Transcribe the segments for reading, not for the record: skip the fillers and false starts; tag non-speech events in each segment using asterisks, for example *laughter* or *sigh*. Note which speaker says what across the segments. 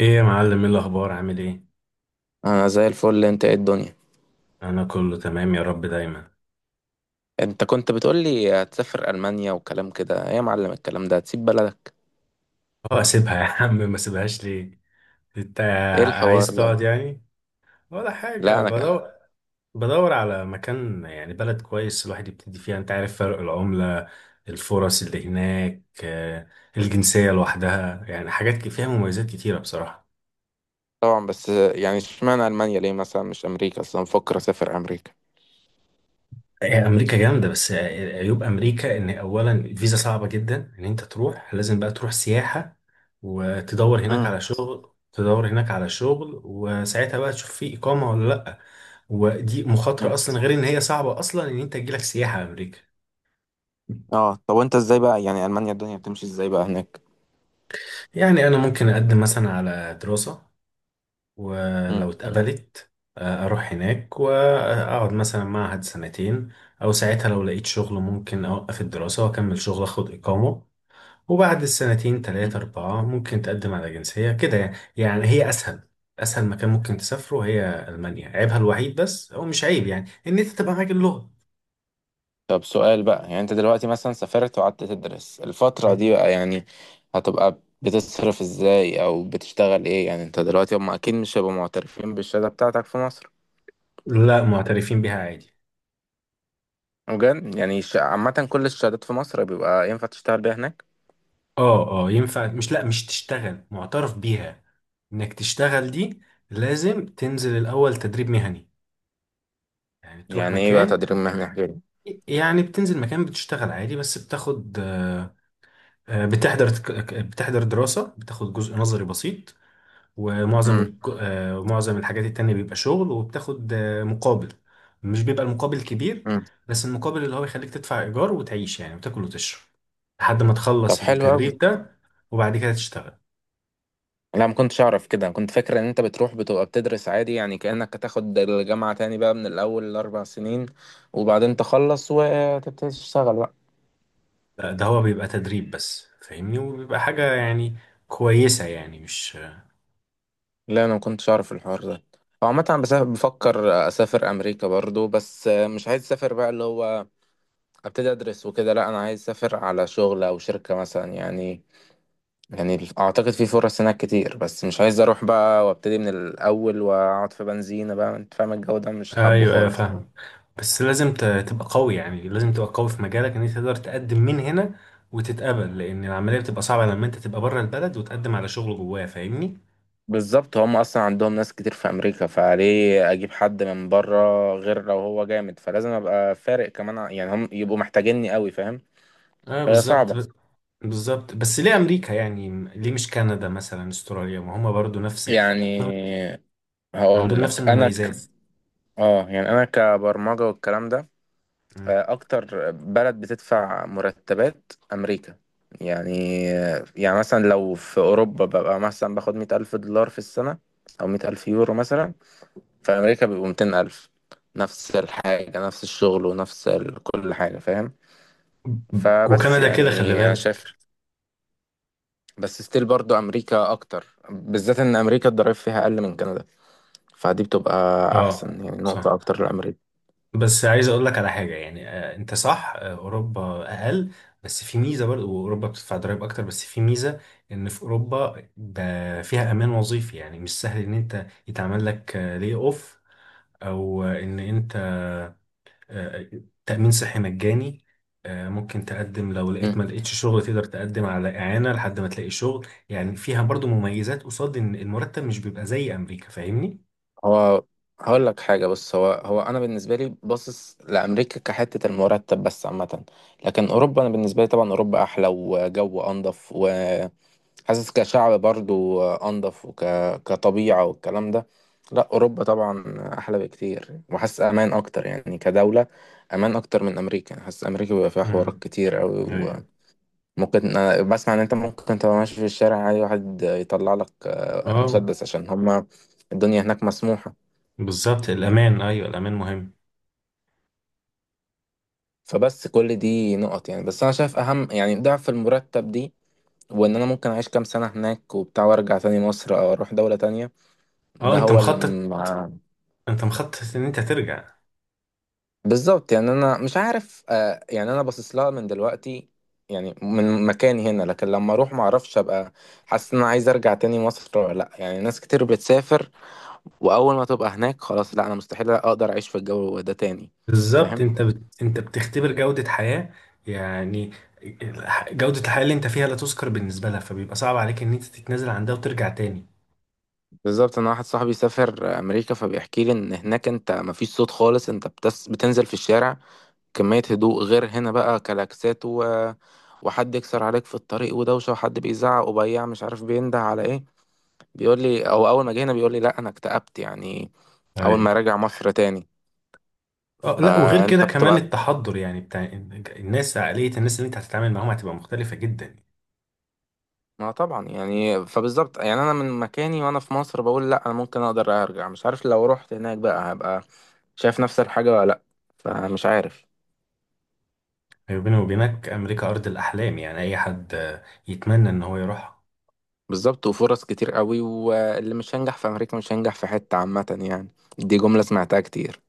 Speaker 1: ايه يا معلم، ايه الاخبار؟ عامل ايه؟
Speaker 2: انا زي الفل. انت ايه الدنيا؟
Speaker 1: انا كله تمام يا رب دايما.
Speaker 2: انت كنت بتقول لي هتسافر المانيا وكلام كده، ايه يا معلم الكلام ده؟ هتسيب بلدك؟
Speaker 1: اه اسيبها يا عم، ما سيبهاش ليه؟ انت
Speaker 2: ايه الحوار
Speaker 1: عايز
Speaker 2: ده؟
Speaker 1: تقعد يعني ولا حاجه؟
Speaker 2: لا، انا كده.
Speaker 1: بدور، بدور على مكان يعني بلد كويس الواحد يبتدي فيها، انت عارف فرق العمله، الفرص اللي هناك، الجنسيه لوحدها يعني حاجات فيها مميزات كتيره بصراحه.
Speaker 2: طبعا بس. يعني اشمعنى المانيا؟ ليه مثلا مش امريكا؟ اصلا بفكر اسافر امريكا.
Speaker 1: هي امريكا جامده، بس عيوب امريكا ان اولا الفيزا صعبه جدا، ان انت تروح لازم بقى تروح سياحه وتدور هناك
Speaker 2: امم.
Speaker 1: على شغل، وساعتها بقى تشوف في اقامه ولا لا. ودي مخاطره اصلا، غير ان هي صعبه اصلا ان انت تجيلك سياحه امريكا.
Speaker 2: اه، طب وانت ازاي بقى؟ يعني المانيا الدنيا بتمشي ازاي بقى هناك؟
Speaker 1: يعني انا ممكن اقدم مثلا على دراسه،
Speaker 2: امم.
Speaker 1: ولو اتقبلت اروح هناك واقعد مثلا معهد سنتين، او ساعتها لو لقيت شغل ممكن اوقف الدراسه واكمل شغل اخد اقامه. وبعد السنتين تلاتة أربعة ممكن تقدم على جنسية كده، يعني هي أسهل، أسهل مكان ممكن تسافره هي ألمانيا. عيبها الوحيد، بس هو مش عيب، يعني إن أنت تبقى معاك اللغة.
Speaker 2: طب سؤال بقى، يعني انت دلوقتي مثلا سافرت وقعدت تدرس الفترة دي
Speaker 1: مم.
Speaker 2: بقى يعني هتبقى بتصرف ازاي او بتشتغل ايه يعني؟ انت دلوقتي هم اكيد مش هيبقوا معترفين بالشهادة بتاعتك في مصر.
Speaker 1: لا، معترفين بيها عادي.
Speaker 2: بجد؟ يعني عامة كل الشهادات في مصر بيبقى ينفع تشتغل بيها هناك؟
Speaker 1: اه اه ينفع، مش لا مش تشتغل، معترف بيها انك تشتغل، دي لازم تنزل الاول تدريب مهني، يعني تروح
Speaker 2: يعني ايه بقى
Speaker 1: مكان،
Speaker 2: تدريب مهني غيري؟
Speaker 1: يعني بتنزل مكان بتشتغل عادي بس بتاخد بتحضر بتحضر دراسة، بتاخد جزء نظري بسيط،
Speaker 2: *laughs*
Speaker 1: ومعظم
Speaker 2: امم.
Speaker 1: ومعظم الحاجات التانية بيبقى شغل، وبتاخد مقابل. مش بيبقى المقابل كبير،
Speaker 2: امم.
Speaker 1: بس المقابل اللي هو يخليك تدفع إيجار وتعيش يعني، وتاكل وتشرب لحد ما
Speaker 2: طب
Speaker 1: تخلص
Speaker 2: حلو
Speaker 1: التدريب
Speaker 2: قوي.
Speaker 1: ده، وبعد كده تشتغل.
Speaker 2: لا، ما كنتش اعرف كده. كنت فاكر ان انت بتروح بتبقى بتدرس عادي، يعني كأنك هتاخد الجامعة تاني بقى من الاول الاربع سنين وبعدين تخلص وتبتدي تشتغل بقى.
Speaker 1: لا، ده هو بيبقى تدريب بس فاهمني، وبيبقى حاجة يعني كويسة يعني مش.
Speaker 2: لا، انا ما كنتش اعرف الحوار ده. هو عامة أنا بفكر اسافر امريكا برضو. بس مش عايز اسافر بقى اللي هو ابتدي ادرس وكده. لا، انا عايز اسافر على شغل او شركة مثلا يعني. يعني اعتقد في فرص هناك كتير. بس مش عايز اروح بقى وابتدي من الاول واقعد في بنزينة بقى. انت فاهم؟ الجو ده مش حابه
Speaker 1: ايوه ايوه
Speaker 2: خالص.
Speaker 1: فاهم. بس لازم تبقى قوي، يعني لازم تبقى قوي في مجالك ان انت تقدر تقدم من هنا وتتقبل، لان العملية بتبقى صعبة لما انت تبقى بره البلد وتقدم على شغل جواه، فاهمني؟
Speaker 2: بالظبط، هم اصلا عندهم ناس كتير في امريكا، فليه اجيب حد من بره؟ غير لو هو جامد فلازم ابقى فارق كمان، يعني هم يبقوا محتاجيني قوي. فاهم؟
Speaker 1: اه
Speaker 2: فهي
Speaker 1: بالظبط.
Speaker 2: صعبة.
Speaker 1: بالظبط، بس ليه امريكا يعني؟ ليه مش كندا مثلا، استراليا، ما هما برضو نفس،
Speaker 2: يعني
Speaker 1: عندهم
Speaker 2: هقول
Speaker 1: نفس
Speaker 2: لك انا
Speaker 1: المميزات.
Speaker 2: اه، يعني انا كبرمجة والكلام ده.
Speaker 1: مم.
Speaker 2: اكتر بلد بتدفع مرتبات امريكا يعني. يعني مثلا لو في اوروبا ببقى مثلا باخد $100,000 في السنة، او €100,000 مثلا. في امريكا بيبقوا 200,000. نفس الحاجة، نفس الشغل، كل حاجة. فاهم؟ فبس
Speaker 1: وكندا كده خلي
Speaker 2: يعني انا شايف.
Speaker 1: بالك.
Speaker 2: بس ستيل برضو امريكا اكتر، بالذات ان امريكا الضرايب فيها اقل من كندا. فدي بتبقى
Speaker 1: اه
Speaker 2: احسن، يعني نقطة
Speaker 1: صح،
Speaker 2: اكتر لامريكا.
Speaker 1: بس عايز اقول لك على حاجه يعني، آه انت صح، آه اوروبا اقل، بس في ميزه برضو. واوروبا بتدفع ضرائب اكتر، بس في ميزه ان في اوروبا ده فيها امان وظيفي، يعني مش سهل ان انت يتعمل لك آه لي اوف، او آه، ان انت آه، تأمين صحي مجاني. ممكن تقدم لو لقيت ما لقيتش شغل، تقدر تقدم على إعانة لحد ما تلاقي شغل، يعني فيها برضو مميزات قصاد إن المرتب مش بيبقى زي أمريكا، فاهمني؟
Speaker 2: هو هقول لك حاجة بس. هو أنا بالنسبة لي باصص لأمريكا كحتة المرتب بس عامة. لكن أوروبا، أنا بالنسبة لي طبعا أوروبا أحلى وجو أنضف، وحاسس كشعب برضو أنضف كطبيعة والكلام ده. لا، أوروبا طبعا أحلى بكتير. وحاسس أمان أكتر يعني كدولة، أمان أكتر من أمريكا. حاسس أمريكا بيبقى فيها حوارات
Speaker 1: امم.
Speaker 2: كتير
Speaker 1: ايوه.
Speaker 2: أوي. وممكن، أنا بسمع إن أنت ممكن تبقى ماشي في الشارع عادي واحد يطلع لك
Speaker 1: اه
Speaker 2: مسدس، عشان هما الدنيا هناك مسموحة.
Speaker 1: بالظبط، الأمان أيوه، الأمان مهم.
Speaker 2: فبس كل دي نقط، يعني بس انا شايف اهم يعني ضعف المرتب دي. وان انا ممكن اعيش كام سنة هناك وبتاع وارجع تاني مصر، او اروح دولة تانية.
Speaker 1: اه
Speaker 2: ده
Speaker 1: أنت
Speaker 2: هو اللي
Speaker 1: مخطط،
Speaker 2: مع...
Speaker 1: إن أنت ترجع؟
Speaker 2: بالظبط، يعني انا مش عارف. يعني انا باصص لها من دلوقتي، يعني من مكاني هنا، لكن لما اروح ما اعرفش ابقى حاسس ان انا عايز ارجع تاني مصر ولا لا. يعني ناس كتير بتسافر واول ما تبقى هناك خلاص لا، انا مستحيل اقدر اعيش في الجو ده تاني.
Speaker 1: بالظبط.
Speaker 2: فاهم؟
Speaker 1: أنت بتختبر جودة حياة يعني، جودة الحياة اللي أنت فيها لا تذكر بالنسبة لها، فبيبقى صعب عليك إن أنت تتنازل عن ده وترجع تاني.
Speaker 2: بالظبط، انا واحد صاحبي سافر امريكا فبيحكي لي ان هناك انت مفيش صوت خالص. بتنزل في الشارع، كمية هدوء غير هنا، بقى كلاكسات وحد يكسر عليك في الطريق ودوشة، وحد بيزعق وبياع مش عارف بينده على ايه. بيقول لي، او اول ما جينا بيقول لي لا انا اكتئبت يعني اول ما
Speaker 1: ايوه.
Speaker 2: راجع مصر تاني.
Speaker 1: اه لا، وغير كده
Speaker 2: فانت
Speaker 1: كمان
Speaker 2: بتبقى.
Speaker 1: التحضر يعني بتاع الناس، عقلية الناس اللي انت هتتعامل معاهم هتبقى مختلفة جدا.
Speaker 2: ما طبعا يعني، فبالظبط يعني انا من مكاني وانا في مصر بقول لا انا ممكن اقدر ارجع. مش عارف لو رحت هناك بقى هبقى شايف نفس الحاجة ولا لا. فمش عارف.
Speaker 1: يعني بيني وبينك أمريكا أرض الأحلام، يعني أي حد يتمنى إن هو يروحها.
Speaker 2: بالظبط، وفرص كتير قوي. واللي مش هينجح في أمريكا مش هينجح في حتة عامة يعني. دي جملة سمعتها كتير.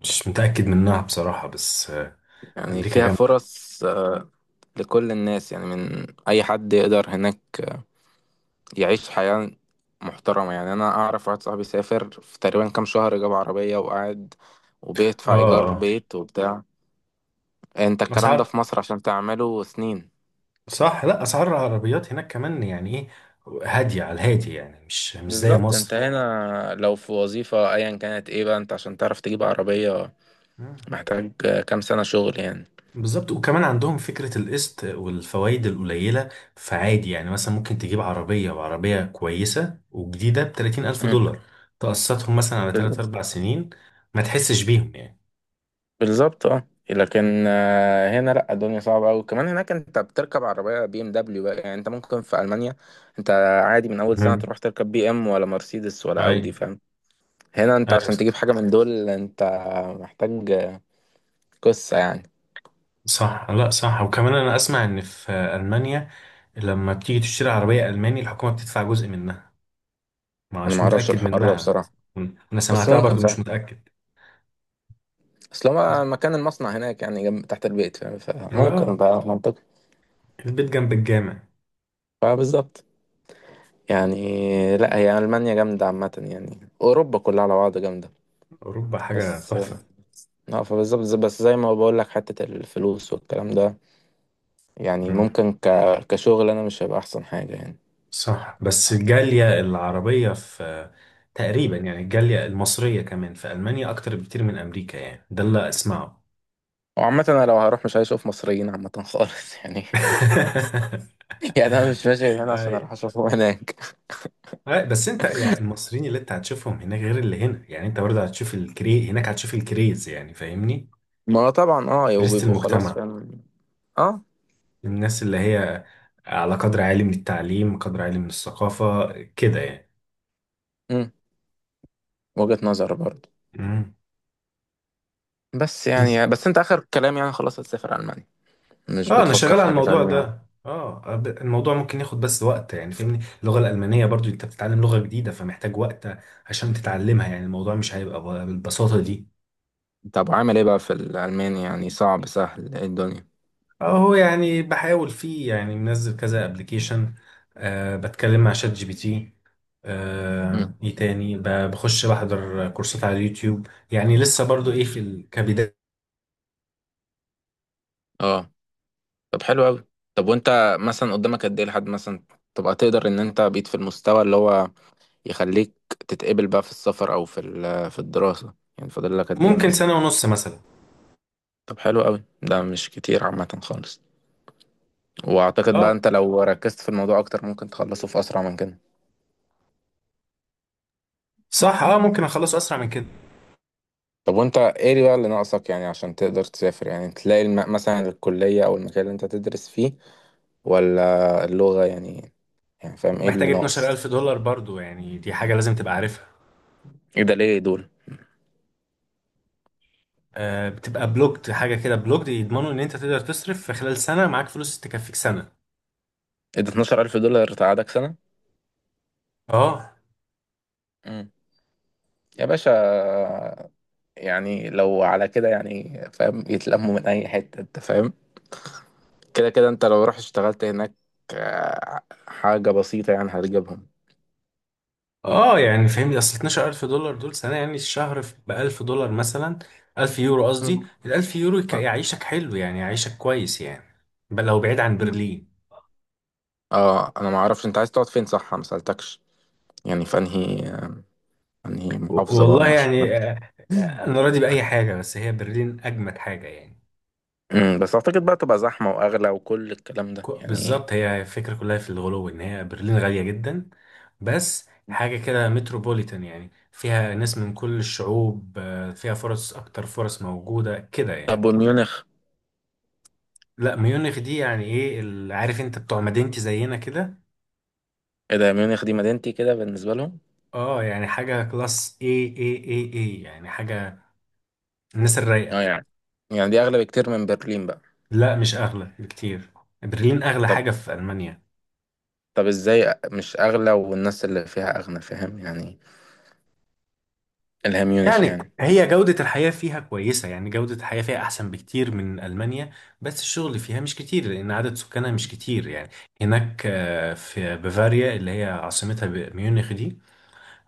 Speaker 1: مش متأكد منها بصراحة، بس
Speaker 2: يعني
Speaker 1: أمريكا
Speaker 2: فيها
Speaker 1: جامدة.
Speaker 2: فرص لكل الناس يعني، من أي حد يقدر هناك يعيش حياة محترمة. يعني أنا أعرف واحد صاحبي سافر في تقريبا كام شهر جاب عربية وقعد
Speaker 1: اه
Speaker 2: وبيدفع إيجار
Speaker 1: اه.
Speaker 2: بيت وبتاع. أنت الكلام ده
Speaker 1: أسعار،
Speaker 2: في مصر عشان تعمله سنين.
Speaker 1: صح، لا أسعار العربيات هناك كمان يعني إيه، هادية على الهادي يعني، مش مش زي
Speaker 2: بالظبط، انت
Speaker 1: مصر.
Speaker 2: هنا لو في وظيفة ايا كانت ايه بقى انت عشان تعرف تجيب عربية محتاج كام سنة شغل يعني.
Speaker 1: بالظبط، وكمان عندهم فكرة القسط والفوائد القليلة، فعادي يعني مثلا ممكن تجيب عربية، وعربية كويسة وجديدة ب30,000 دولار، تقسطهم مثلا على
Speaker 2: مم.
Speaker 1: تلات أربع سنين ما تحسش بيهم يعني.
Speaker 2: بالظبط. اه، لكن هنا لا الدنيا صعبة أوي. كمان هناك أنت بتركب عربية بي إم دبليو بقى، يعني أنت ممكن في ألمانيا أنت عادي من أول سنة
Speaker 1: مم.
Speaker 2: تروح تركب بي إم ولا مرسيدس ولا أودي.
Speaker 1: أي.
Speaker 2: فاهم؟ هنا أنت
Speaker 1: أي
Speaker 2: عشان تجيب حاجة من دول أنت محتاج قصة يعني.
Speaker 1: صح، لا صح. وكمان أنا أسمع إن في ألمانيا لما بتيجي تشتري عربية ألماني الحكومة بتدفع جزء منها،
Speaker 2: أنا
Speaker 1: مش
Speaker 2: معرفش
Speaker 1: متأكد
Speaker 2: الحوار ده
Speaker 1: منها.
Speaker 2: بصراحة.
Speaker 1: مم. أنا
Speaker 2: بس
Speaker 1: سمعتها
Speaker 2: ممكن.
Speaker 1: برضو مش
Speaker 2: فاهم؟
Speaker 1: متأكد.
Speaker 2: أصل هو مكان المصنع هناك يعني جنب تحت البيت. فاهم؟ فممكن
Speaker 1: آه
Speaker 2: بقى منطقي.
Speaker 1: البيت جنب الجامع.
Speaker 2: فبالظبط. يعني لا، هي ألمانيا جامدة عامة. يعني أوروبا كلها على بعض جامدة.
Speaker 1: أوروبا حاجة
Speaker 2: بس
Speaker 1: تحفة.
Speaker 2: اه، فبالظبط بس زي ما بقول لك حتة الفلوس والكلام ده. يعني ممكن كشغل انا مش هيبقى احسن حاجة يعني.
Speaker 1: صح، بس الجالية العربية في تقريبا يعني، الجالية المصرية كمان في ألمانيا أكتر بكتير من أمريكا، يعني ده اللي أسمعه.
Speaker 2: وعامة انا لو هروح مش هشوف مصريين عامة خالص *laughs* يعني.
Speaker 1: *laughs*
Speaker 2: يعني انا مش ماشي هنا عشان
Speaker 1: أي.
Speaker 2: اروح اشوفهم هناك.
Speaker 1: أي، بس أنت يعني المصريين اللي أنت هتشوفهم هناك غير اللي هنا، يعني أنت برضه هتشوف الكري هناك، هتشوف الكريز يعني فاهمني،
Speaker 2: ما هو طبعا. اه،
Speaker 1: كريزة
Speaker 2: وبيبقوا خلاص.
Speaker 1: المجتمع،
Speaker 2: فاهم؟ اه.
Speaker 1: الناس اللي هي على قدر عالي من التعليم، قدر عالي من الثقافة كده يعني.
Speaker 2: امم. وجهة نظر برضه. بس
Speaker 1: مم.
Speaker 2: يعني، بس انت اخر كلام يعني خلاص هتسافر المانيا؟ مش
Speaker 1: اه انا
Speaker 2: بتفكر
Speaker 1: شغال
Speaker 2: في
Speaker 1: على
Speaker 2: حاجة
Speaker 1: الموضوع
Speaker 2: تانية يعني؟
Speaker 1: ده، اه الموضوع ممكن ياخد بس وقت يعني فاهمني، اللغه الالمانيه برضو انت بتتعلم لغه جديده فمحتاج وقت عشان تتعلمها، يعني الموضوع مش هيبقى بالبساطه دي.
Speaker 2: طب عامل ايه بقى في الالماني؟ يعني صعب سهل ايه الدنيا؟
Speaker 1: اهو يعني بحاول فيه، يعني منزل كذا ابلكيشن، آه بتكلم مع شات جي بي تي، آه
Speaker 2: امم.
Speaker 1: ايه تاني بخش بحضر كورسات على اليوتيوب، يعني لسه برضو ايه في الكبد.
Speaker 2: اه. طب حلو قوي. طب وانت مثلا قدامك قد ايه لحد مثلا تبقى تقدر ان انت بقيت في المستوى اللي هو يخليك تتقبل بقى في السفر في الدراسة؟ يعني فاضل لك قد ايه
Speaker 1: ممكن
Speaker 2: مثلا؟
Speaker 1: سنه ونص مثلا.
Speaker 2: طب حلو قوي. ده مش كتير عامة خالص. واعتقد
Speaker 1: اه
Speaker 2: بقى انت لو ركزت في الموضوع اكتر ممكن تخلصه في اسرع من كده.
Speaker 1: صح اه ممكن اخلص اسرع من كده.
Speaker 2: طب وانت ايه بقى اللي ناقصك يعني عشان تقدر تسافر؟ يعني تلاقي مثلا الكلية او المكان اللي انت تدرس فيه، ولا اللغة يعني؟ يعني فاهم ايه
Speaker 1: محتاج
Speaker 2: اللي ناقص؟
Speaker 1: 12,000 دولار برضو، يعني دي حاجه لازم تبقى عارفها.
Speaker 2: ايه ده؟ ليه دول؟
Speaker 1: بتبقى بلوكد، حاجه كده بلوكد، يضمنوا ان انت تقدر تصرف في خلال سنه، معاك فلوس تكفيك سنه.
Speaker 2: ايه ده $12,000 تقعدك
Speaker 1: اه
Speaker 2: سنة يا باشا؟ يعني لو على كده، يعني فاهم، يتلموا من اي حته. انت فاهم؟ كده كده انت لو رحت اشتغلت هناك آه، حاجه بسيطه يعني هتجيبهم.
Speaker 1: اه يعني فهمني، اصل 12,000 دولار دول سنه، يعني الشهر ب 1000 دولار مثلا، 1000 يورو
Speaker 2: مم.
Speaker 1: قصدي، ال 1000 يورو
Speaker 2: اه.
Speaker 1: يعيشك حلو يعني يعيشك كويس يعني، بل لو بعيد عن
Speaker 2: مم.
Speaker 1: برلين.
Speaker 2: انا ما اعرفش انت عايز تقعد فين، صح ما سالتكش. يعني في انهي محافظه بقى، ما
Speaker 1: والله
Speaker 2: اعرفش.
Speaker 1: يعني انا راضي باي حاجه، بس هي برلين اجمد حاجه يعني.
Speaker 2: بس اعتقد بقى تبقى زحمه واغلى وكل الكلام ده يعني.
Speaker 1: بالظبط، هي الفكرة كلها في الغلو ان هي برلين غالية جدا، بس حاجة كده متروبوليتان، يعني فيها ناس من كل الشعوب، فيها فرص اكتر، فرص موجودة كده يعني.
Speaker 2: طب وميونخ؟
Speaker 1: لا ميونخ دي يعني ايه عارف انت بتوع مدينتي زينا كده.
Speaker 2: ايه ده، ميونخ دي مدينتي كده بالنسبه لهم؟
Speaker 1: اه يعني حاجة كلاس، اي اي اي اي يعني حاجة، الناس
Speaker 2: اه
Speaker 1: الرايقة.
Speaker 2: يعني. يعني دي اغلى بكتير من برلين بقى؟
Speaker 1: لا مش اغلى بكتير، برلين اغلى
Speaker 2: طب
Speaker 1: حاجة في المانيا.
Speaker 2: طب ازاي مش اغلى والناس اللي فيها اغنى؟ فاهم يعني؟ الهام ميونخ
Speaker 1: يعني
Speaker 2: يعني.
Speaker 1: هي جودة الحياة فيها كويسة، يعني جودة الحياة فيها أحسن بكتير من ألمانيا، بس الشغل فيها مش كتير لأن عدد سكانها مش كتير يعني. هناك في بافاريا اللي هي عاصمتها ميونخ دي،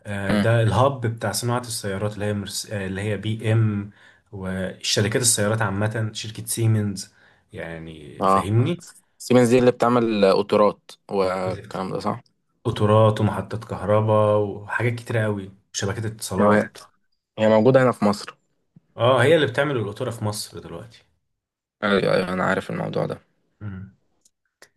Speaker 2: امم.
Speaker 1: ده الهاب بتاع صناعة السيارات اللي هي مرس... آه، اللي هي بي إم والشركات السيارات عامة، شركة سيمنز يعني
Speaker 2: اه،
Speaker 1: فاهمني.
Speaker 2: سيمنز دي اللي بتعمل قطارات والكلام ده، صح؟
Speaker 1: قطارات ومحطات كهرباء وحاجات كتيرة قوي وشبكات
Speaker 2: آه،
Speaker 1: اتصالات.
Speaker 2: هي موجودة هنا في مصر؟
Speaker 1: اه هي اللي بتعمل القطورة في مصر دلوقتي.
Speaker 2: ايوه، ايوه، أيوة، انا عارف الموضوع ده.
Speaker 1: مم.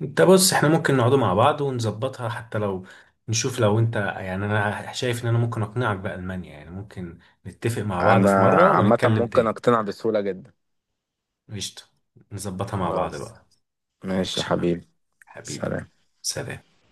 Speaker 1: انت بص، احنا ممكن نقعدوا مع بعض ونظبطها، حتى لو نشوف، لو انت يعني انا شايف ان انا ممكن اقنعك بألمانيا، يعني ممكن نتفق مع بعض
Speaker 2: انا
Speaker 1: في مرة
Speaker 2: عامة
Speaker 1: ونتكلم
Speaker 2: ممكن
Speaker 1: تاني.
Speaker 2: اقتنع بسهولة جدا.
Speaker 1: قشطة، نظبطها مع بعض
Speaker 2: خلاص.
Speaker 1: بقى.
Speaker 2: ماشي يا
Speaker 1: ماشي يا معلم.
Speaker 2: حبيبي.
Speaker 1: حبيبي،
Speaker 2: سلام.
Speaker 1: سلام.